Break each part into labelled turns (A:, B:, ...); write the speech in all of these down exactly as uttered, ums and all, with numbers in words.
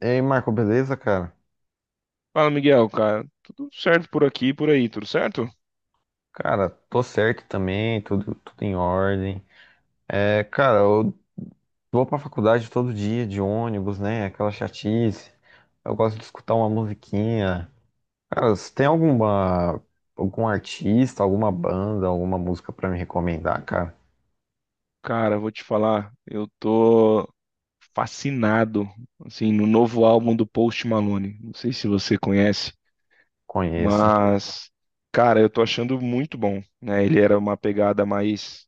A: E aí, Marco, beleza, cara?
B: Fala, Miguel, cara. Tudo certo por aqui e por aí, tudo certo?
A: Cara, tô certo também, tudo, tudo em ordem. É, cara, eu vou pra faculdade todo dia de ônibus, né? Aquela chatice. Eu gosto de escutar uma musiquinha. Cara, você tem alguma, algum artista, alguma banda, alguma música pra me recomendar, cara?
B: Cara, vou te falar, eu tô fascinado, assim, no novo álbum do Post Malone. Não sei se você conhece,
A: Conheço.
B: mas, cara, eu tô achando muito bom, né? Ele era uma pegada mais,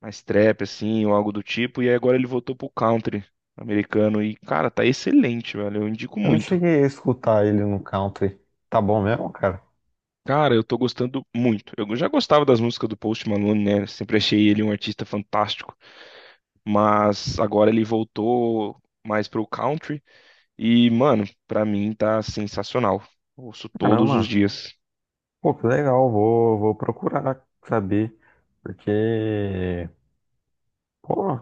B: mais trap, assim, ou algo do tipo, e aí agora ele voltou pro country americano e, cara, tá excelente, velho. Eu indico
A: Eu não
B: muito.
A: cheguei a escutar ele no country. Tá bom mesmo, cara?
B: Cara, eu tô gostando muito. Eu já gostava das músicas do Post Malone, né? Sempre achei ele um artista fantástico, mas agora ele voltou mais pro country e, mano, pra mim tá sensacional. Ouço todos os
A: Caramba,
B: dias.
A: pô, que legal, vou, vou procurar saber, porque Pô,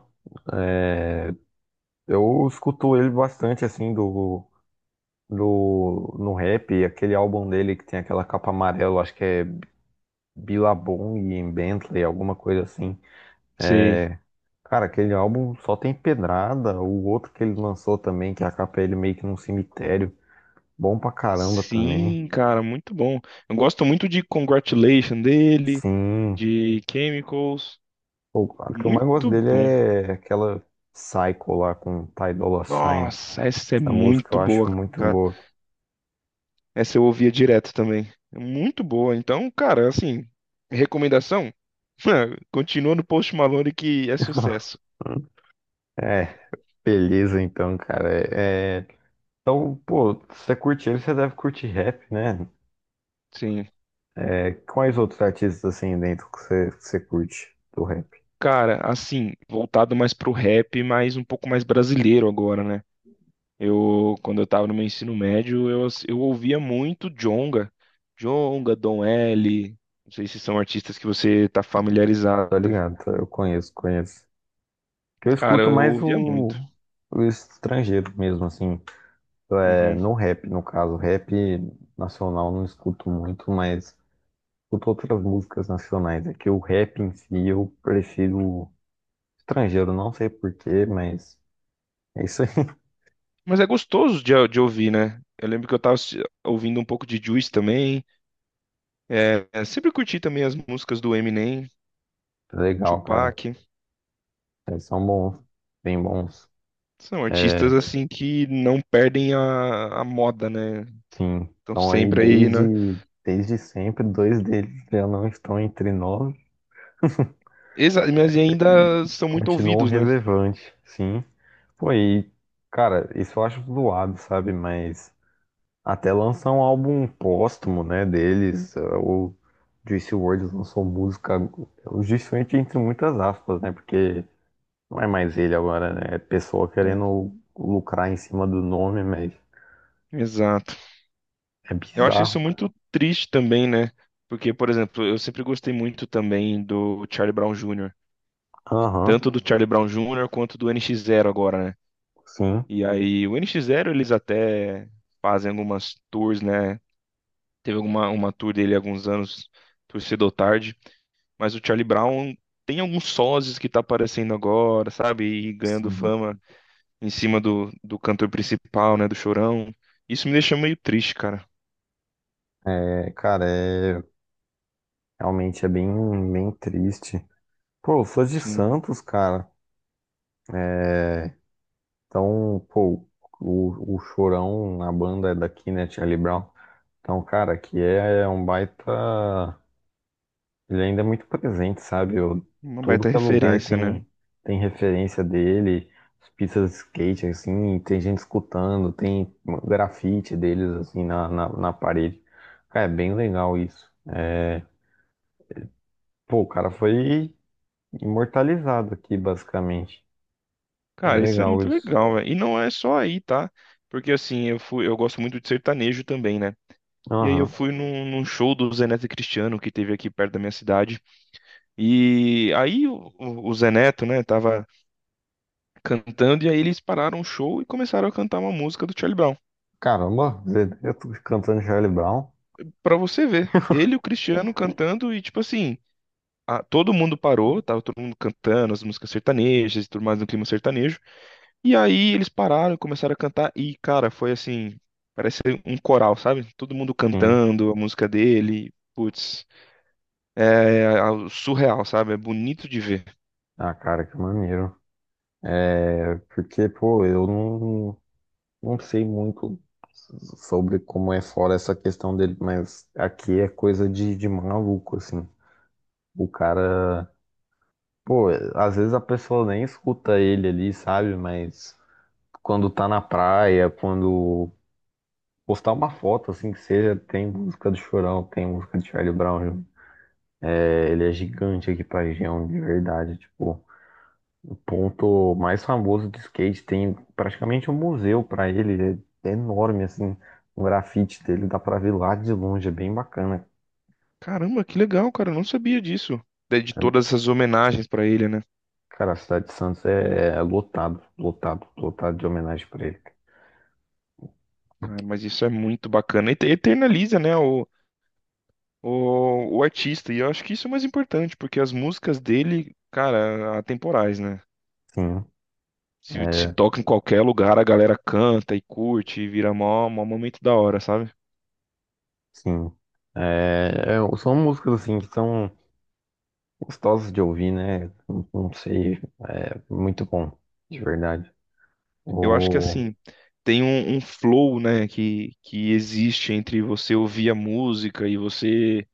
A: é, eu escuto ele bastante assim do, do no rap, aquele álbum dele que tem aquela capa amarela, acho que é Billabong e Bentley, alguma coisa assim.
B: Sei.
A: É, cara, aquele álbum só tem pedrada, o outro que ele lançou também, que a capa é ele meio que num cemitério, bom pra caramba também.
B: Sim, cara, muito bom. Eu gosto muito de Congratulation dele,
A: Sim,
B: de Chemicals.
A: o o que eu mais gosto
B: Muito
A: dele
B: bom.
A: é aquela Psycho lá com Ty Dolla Sign.
B: Nossa, essa é
A: Essa música
B: muito
A: eu acho
B: boa,
A: muito
B: cara.
A: boa.
B: Essa eu ouvia direto também. É muito boa. Então, cara, assim, recomendação, continua no Post Malone que é sucesso.
A: É. Beleza, então, cara. É, é, então, pô, se você curte ele, você deve curtir rap, né?
B: Sim,
A: É, quais outros artistas assim dentro que você, que você curte do rap?
B: cara, assim, voltado mais pro rap, mas um pouco mais brasileiro agora, né? Eu, quando eu tava no meu ensino médio, eu, ass- eu ouvia muito Djonga. Djonga, Dom L. Não sei se são artistas que você tá
A: Tô
B: familiarizado.
A: ligado, tá? Eu conheço, conheço. Que eu
B: Cara,
A: escuto
B: eu
A: mais
B: ouvia
A: o,
B: muito.
A: o estrangeiro mesmo, assim. É,
B: Uhum.
A: no rap, no caso, rap nacional não escuto muito, mas escuto outras músicas nacionais. É que o rap em si eu prefiro estrangeiro, não sei porquê, mas é isso aí.
B: Mas é gostoso de, de ouvir, né? Eu lembro que eu tava assi- ouvindo um pouco de Juice também. É, é, sempre curti também as músicas do Eminem,
A: Legal, cara.
B: Tupac.
A: Eles são bons, bem bons.
B: São
A: É,
B: artistas assim que não perdem a, a moda, né?
A: sim,
B: Estão
A: estão aí
B: sempre aí,
A: desde,
B: né?
A: desde sempre. Dois deles já não estão entre nós
B: Exa, mas
A: e
B: ainda são muito
A: continuam
B: ouvidos, né?
A: relevantes, sim. Pô, e, cara, isso eu acho zoado, sabe? Mas até lançar um álbum póstumo, né, deles, eh, o Juice world lançou música, o Juice world entre muitas aspas, né? Porque não é mais ele agora, né? É pessoa
B: É,
A: querendo lucrar em cima do nome, mas
B: exato.
A: é
B: Eu acho isso
A: bizarro.
B: muito triste também, né? Porque, por exemplo, eu sempre gostei muito também do Charlie Brown júnior
A: Aham,
B: Tanto do Charlie Brown júnior quanto do N X Zero agora, né?
A: sim.
B: E aí, o N X Zero eles até fazem algumas tours, né? Teve alguma, uma tour dele há alguns anos, tour cedo ou tarde. Mas o Charlie Brown tem alguns sozes que tá aparecendo agora, sabe? E ganhando
A: Sim.
B: fama em cima do, do cantor principal, né, do Chorão. Isso me deixa meio triste, cara.
A: É, cara, é realmente é bem, bem triste. Pô, eu sou de
B: Sim,
A: Santos, cara. É, então, pô, o, o Chorão na banda é daqui, né, Charlie Brown. Então, cara, aqui é é um baita. Ele ainda é muito presente, sabe? Eu,
B: uma
A: tudo
B: baita
A: que é lugar
B: referência, né?
A: tem, tem referência dele, as pistas de skate, assim, tem gente escutando, tem grafite deles, assim, na, na, na parede. Cara, é bem legal isso. É, pô, o cara foi imortalizado aqui, basicamente. Bem
B: Cara, isso é
A: legal
B: muito
A: isso.
B: legal, velho. E não é só aí, tá? Porque assim, eu fui, eu gosto muito de sertanejo também, né? E aí eu
A: Aham.
B: fui num, num show do Zé Neto e Cristiano que teve aqui perto da minha cidade. E aí o, o o Zé Neto, né, tava cantando e aí eles pararam o show e começaram a cantar uma música do Charlie Brown.
A: Caramba, eu tô cantando Charlie Brown?
B: Pra você ver, ele e o Cristiano cantando e tipo assim, a- todo mundo parou, tava todo mundo cantando as músicas sertanejas e tudo mais no clima sertanejo. E aí eles pararam, começaram a cantar e, cara, foi assim, parece um coral, sabe? Todo mundo
A: Sim.
B: cantando a música dele. Putz, é algo surreal, sabe? É bonito de ver.
A: Ah, cara, que maneiro. É porque, pô, eu não, não sei muito sobre como é fora essa questão dele, mas aqui é coisa de, de maluco, assim. O cara, pô, às vezes a pessoa nem escuta ele ali, sabe? Mas quando tá na praia, quando postar uma foto assim que seja, tem música do Chorão, tem música de Charlie Brown. É, ele é gigante aqui pra região, de verdade. Tipo, o ponto mais famoso do skate tem praticamente um museu pra ele, é enorme assim. O grafite dele dá pra ver lá de longe, é bem bacana.
B: Caramba, que legal, cara, eu não sabia disso. De, de todas essas homenagens pra ele, né?
A: Cara, a cidade de Santos é, é lotado, lotado, lotado de homenagem pra ele.
B: Cara, mas isso é muito bacana. E te- eternaliza, né, o, o, o artista. E eu acho que isso é o mais importante, porque as músicas dele, cara, atemporais, né?
A: Sim,
B: Se, se
A: é,
B: toca em qualquer lugar, a galera canta e curte e vira mó, mó momento da hora, sabe?
A: sim. É, é, são músicas assim que são gostosos de ouvir, né? Não não sei, é muito bom, de verdade.
B: Eu acho que
A: O...
B: assim, tem um, um flow, né, que, que existe entre você ouvir a música e você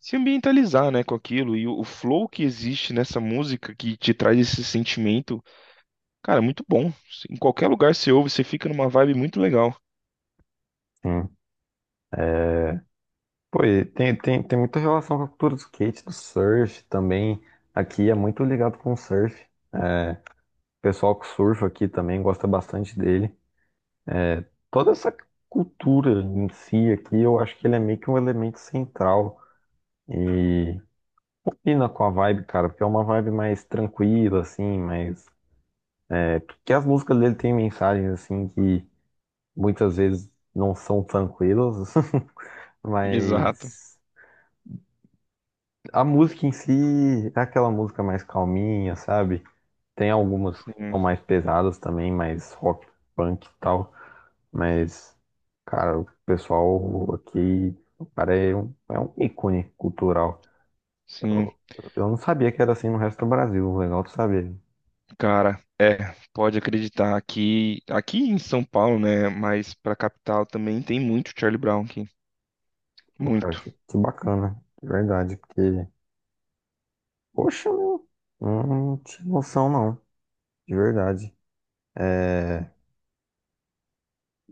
B: se ambientalizar, né, com aquilo. E o, o flow que existe nessa música que te traz esse sentimento, cara, é muito bom. Em qualquer lugar você ouve, você fica numa vibe muito legal.
A: Sim. Pô, e tem, tem, tem muita relação com a cultura do skate, do surf também. Aqui é muito ligado com o surf. É, o pessoal que surfa aqui também gosta bastante dele. Toda essa cultura em si aqui, eu acho que ele é meio que um elemento central. E combina com a vibe, cara, porque é uma vibe mais tranquila, assim, mas. Porque as músicas dele têm mensagens, assim, que. Muitas vezes não são tranquilos,
B: Exato.
A: mas a música em si é aquela música mais calminha, sabe? Tem algumas que são
B: Sim,
A: mais pesadas também, mais rock, punk e tal, mas, cara, o pessoal aqui, o cara é um, é um ícone cultural.
B: sim.
A: Eu não sabia que era assim no resto do Brasil, legal tu saber.
B: Cara, é, pode acreditar que aqui em São Paulo, né, mas pra capital também tem muito Charlie Brown aqui,
A: Pô, cara,
B: muito.
A: que, que bacana, de verdade, porque, poxa, meu, não tinha noção não, de verdade. É,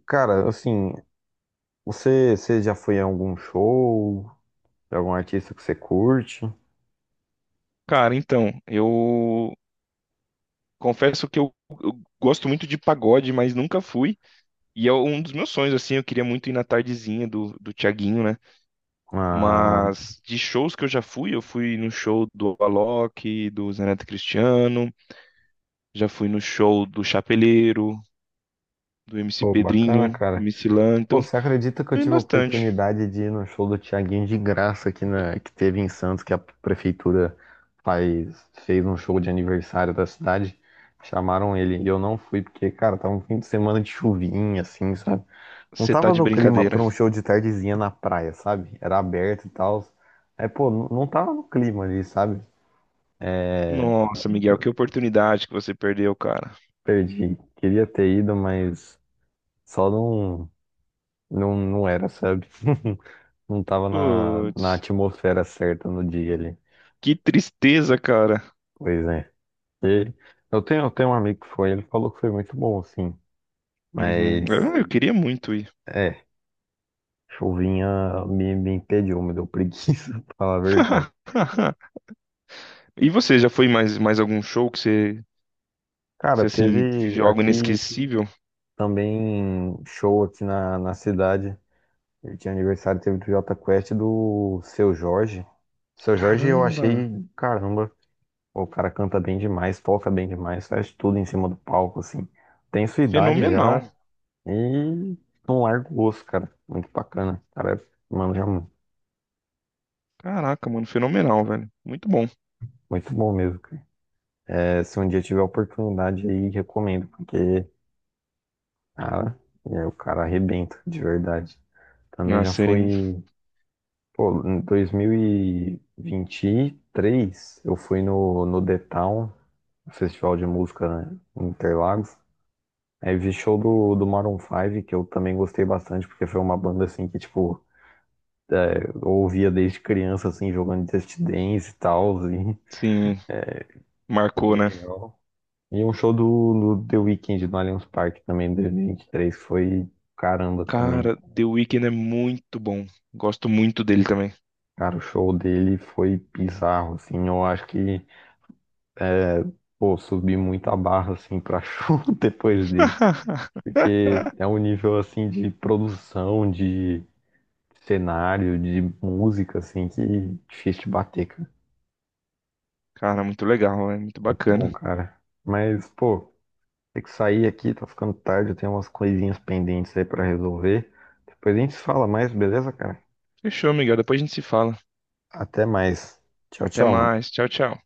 A: cara, assim, você, você já foi em algum show de algum artista que você curte?
B: Cara, então, eu confesso que eu gosto muito de pagode, mas nunca fui, e é um dos meus sonhos, assim, eu queria muito ir na tardezinha do, do Thiaguinho, né,
A: Ah,
B: mas de shows que eu já fui, eu fui no show do Alok, do Zé Neto Cristiano, já fui no show do Chapeleiro, do M C
A: pô, bacana,
B: Pedrinho,
A: cara.
B: M C Lan, então,
A: Pô, você acredita que eu
B: tem
A: tive a
B: bastante.
A: oportunidade de ir no show do Thiaguinho de graça aqui na, que teve em Santos, que a prefeitura faz, fez um show de aniversário da cidade? Chamaram ele e eu não fui porque, cara, tava um fim de semana de chuvinha, assim, sabe? Não
B: Você tá
A: tava
B: de
A: no clima
B: brincadeira.
A: pra um show de tardezinha na praia, sabe? Era aberto e tal. É, pô, não não tava no clima ali, sabe? É,
B: Nossa, Miguel, que oportunidade que você perdeu, cara.
A: perdi. Queria ter ido, mas só não, não, não era, sabe? Não tava na, na
B: Putz,
A: atmosfera certa no dia ali.
B: que tristeza, cara.
A: Pois é. E eu tenho, eu tenho um amigo que foi, ele falou que foi muito bom, assim.
B: Uhum.
A: Mas,
B: Eu, eu queria muito ir.
A: é, chuvinha me, me impediu, me deu preguiça, pra falar a verdade.
B: E você, já foi em mais, mais algum show que você,
A: Cara,
B: você, assim,
A: teve
B: viveu algo
A: aqui
B: inesquecível?
A: também show aqui na, na cidade. Ele tinha aniversário, teve do Jota Quest e do Seu Jorge. Seu Jorge eu
B: Caramba,
A: achei, caramba. Pô, o cara canta bem demais, toca bem demais, faz tudo em cima do palco, assim. Tem sua idade
B: fenomenal.
A: já e não larga o osso, cara. Muito bacana. O cara, mano, já mu-
B: Caraca, mano, fenomenal, velho. Muito bom.
A: muito bom mesmo, cara. É, se um dia tiver oportunidade aí, recomendo, porque, cara, é, o cara arrebenta, de verdade. Também
B: A
A: já
B: série,
A: fui pô, em dois mil e vinte e três, eu fui no, no The Town, Festival de Música, né, em Interlagos. Aí vi show do, do Maroon Five que eu também gostei bastante, porque foi uma banda assim que, tipo, eu ouvia desde criança, assim, jogando Just Dance e tal, assim.
B: sim,
A: Foi
B: marcou,
A: bem
B: né?
A: legal. E um show do, do The Weeknd no Allianz Parque também, em dois mil e vinte e três foi caramba também.
B: Cara, The Weeknd é muito bom. Gosto muito dele também.
A: Cara, o show dele foi bizarro, assim. Eu acho que, pô, subi muito a barra, assim, pra show depois dele. Porque é um nível, assim, de produção, de cenário, de música, assim, que é difícil de bater,
B: Cara, muito legal, é muito
A: muito bom,
B: bacana.
A: cara. Mas, pô, tem que sair aqui, tá ficando tarde, eu tenho umas coisinhas pendentes aí pra resolver. Depois a gente se fala mais, beleza, cara?
B: Fechou, Miguel. Depois a gente se fala.
A: Até mais. Tchau,
B: Até
A: tchau, mano.
B: mais. Tchau, tchau.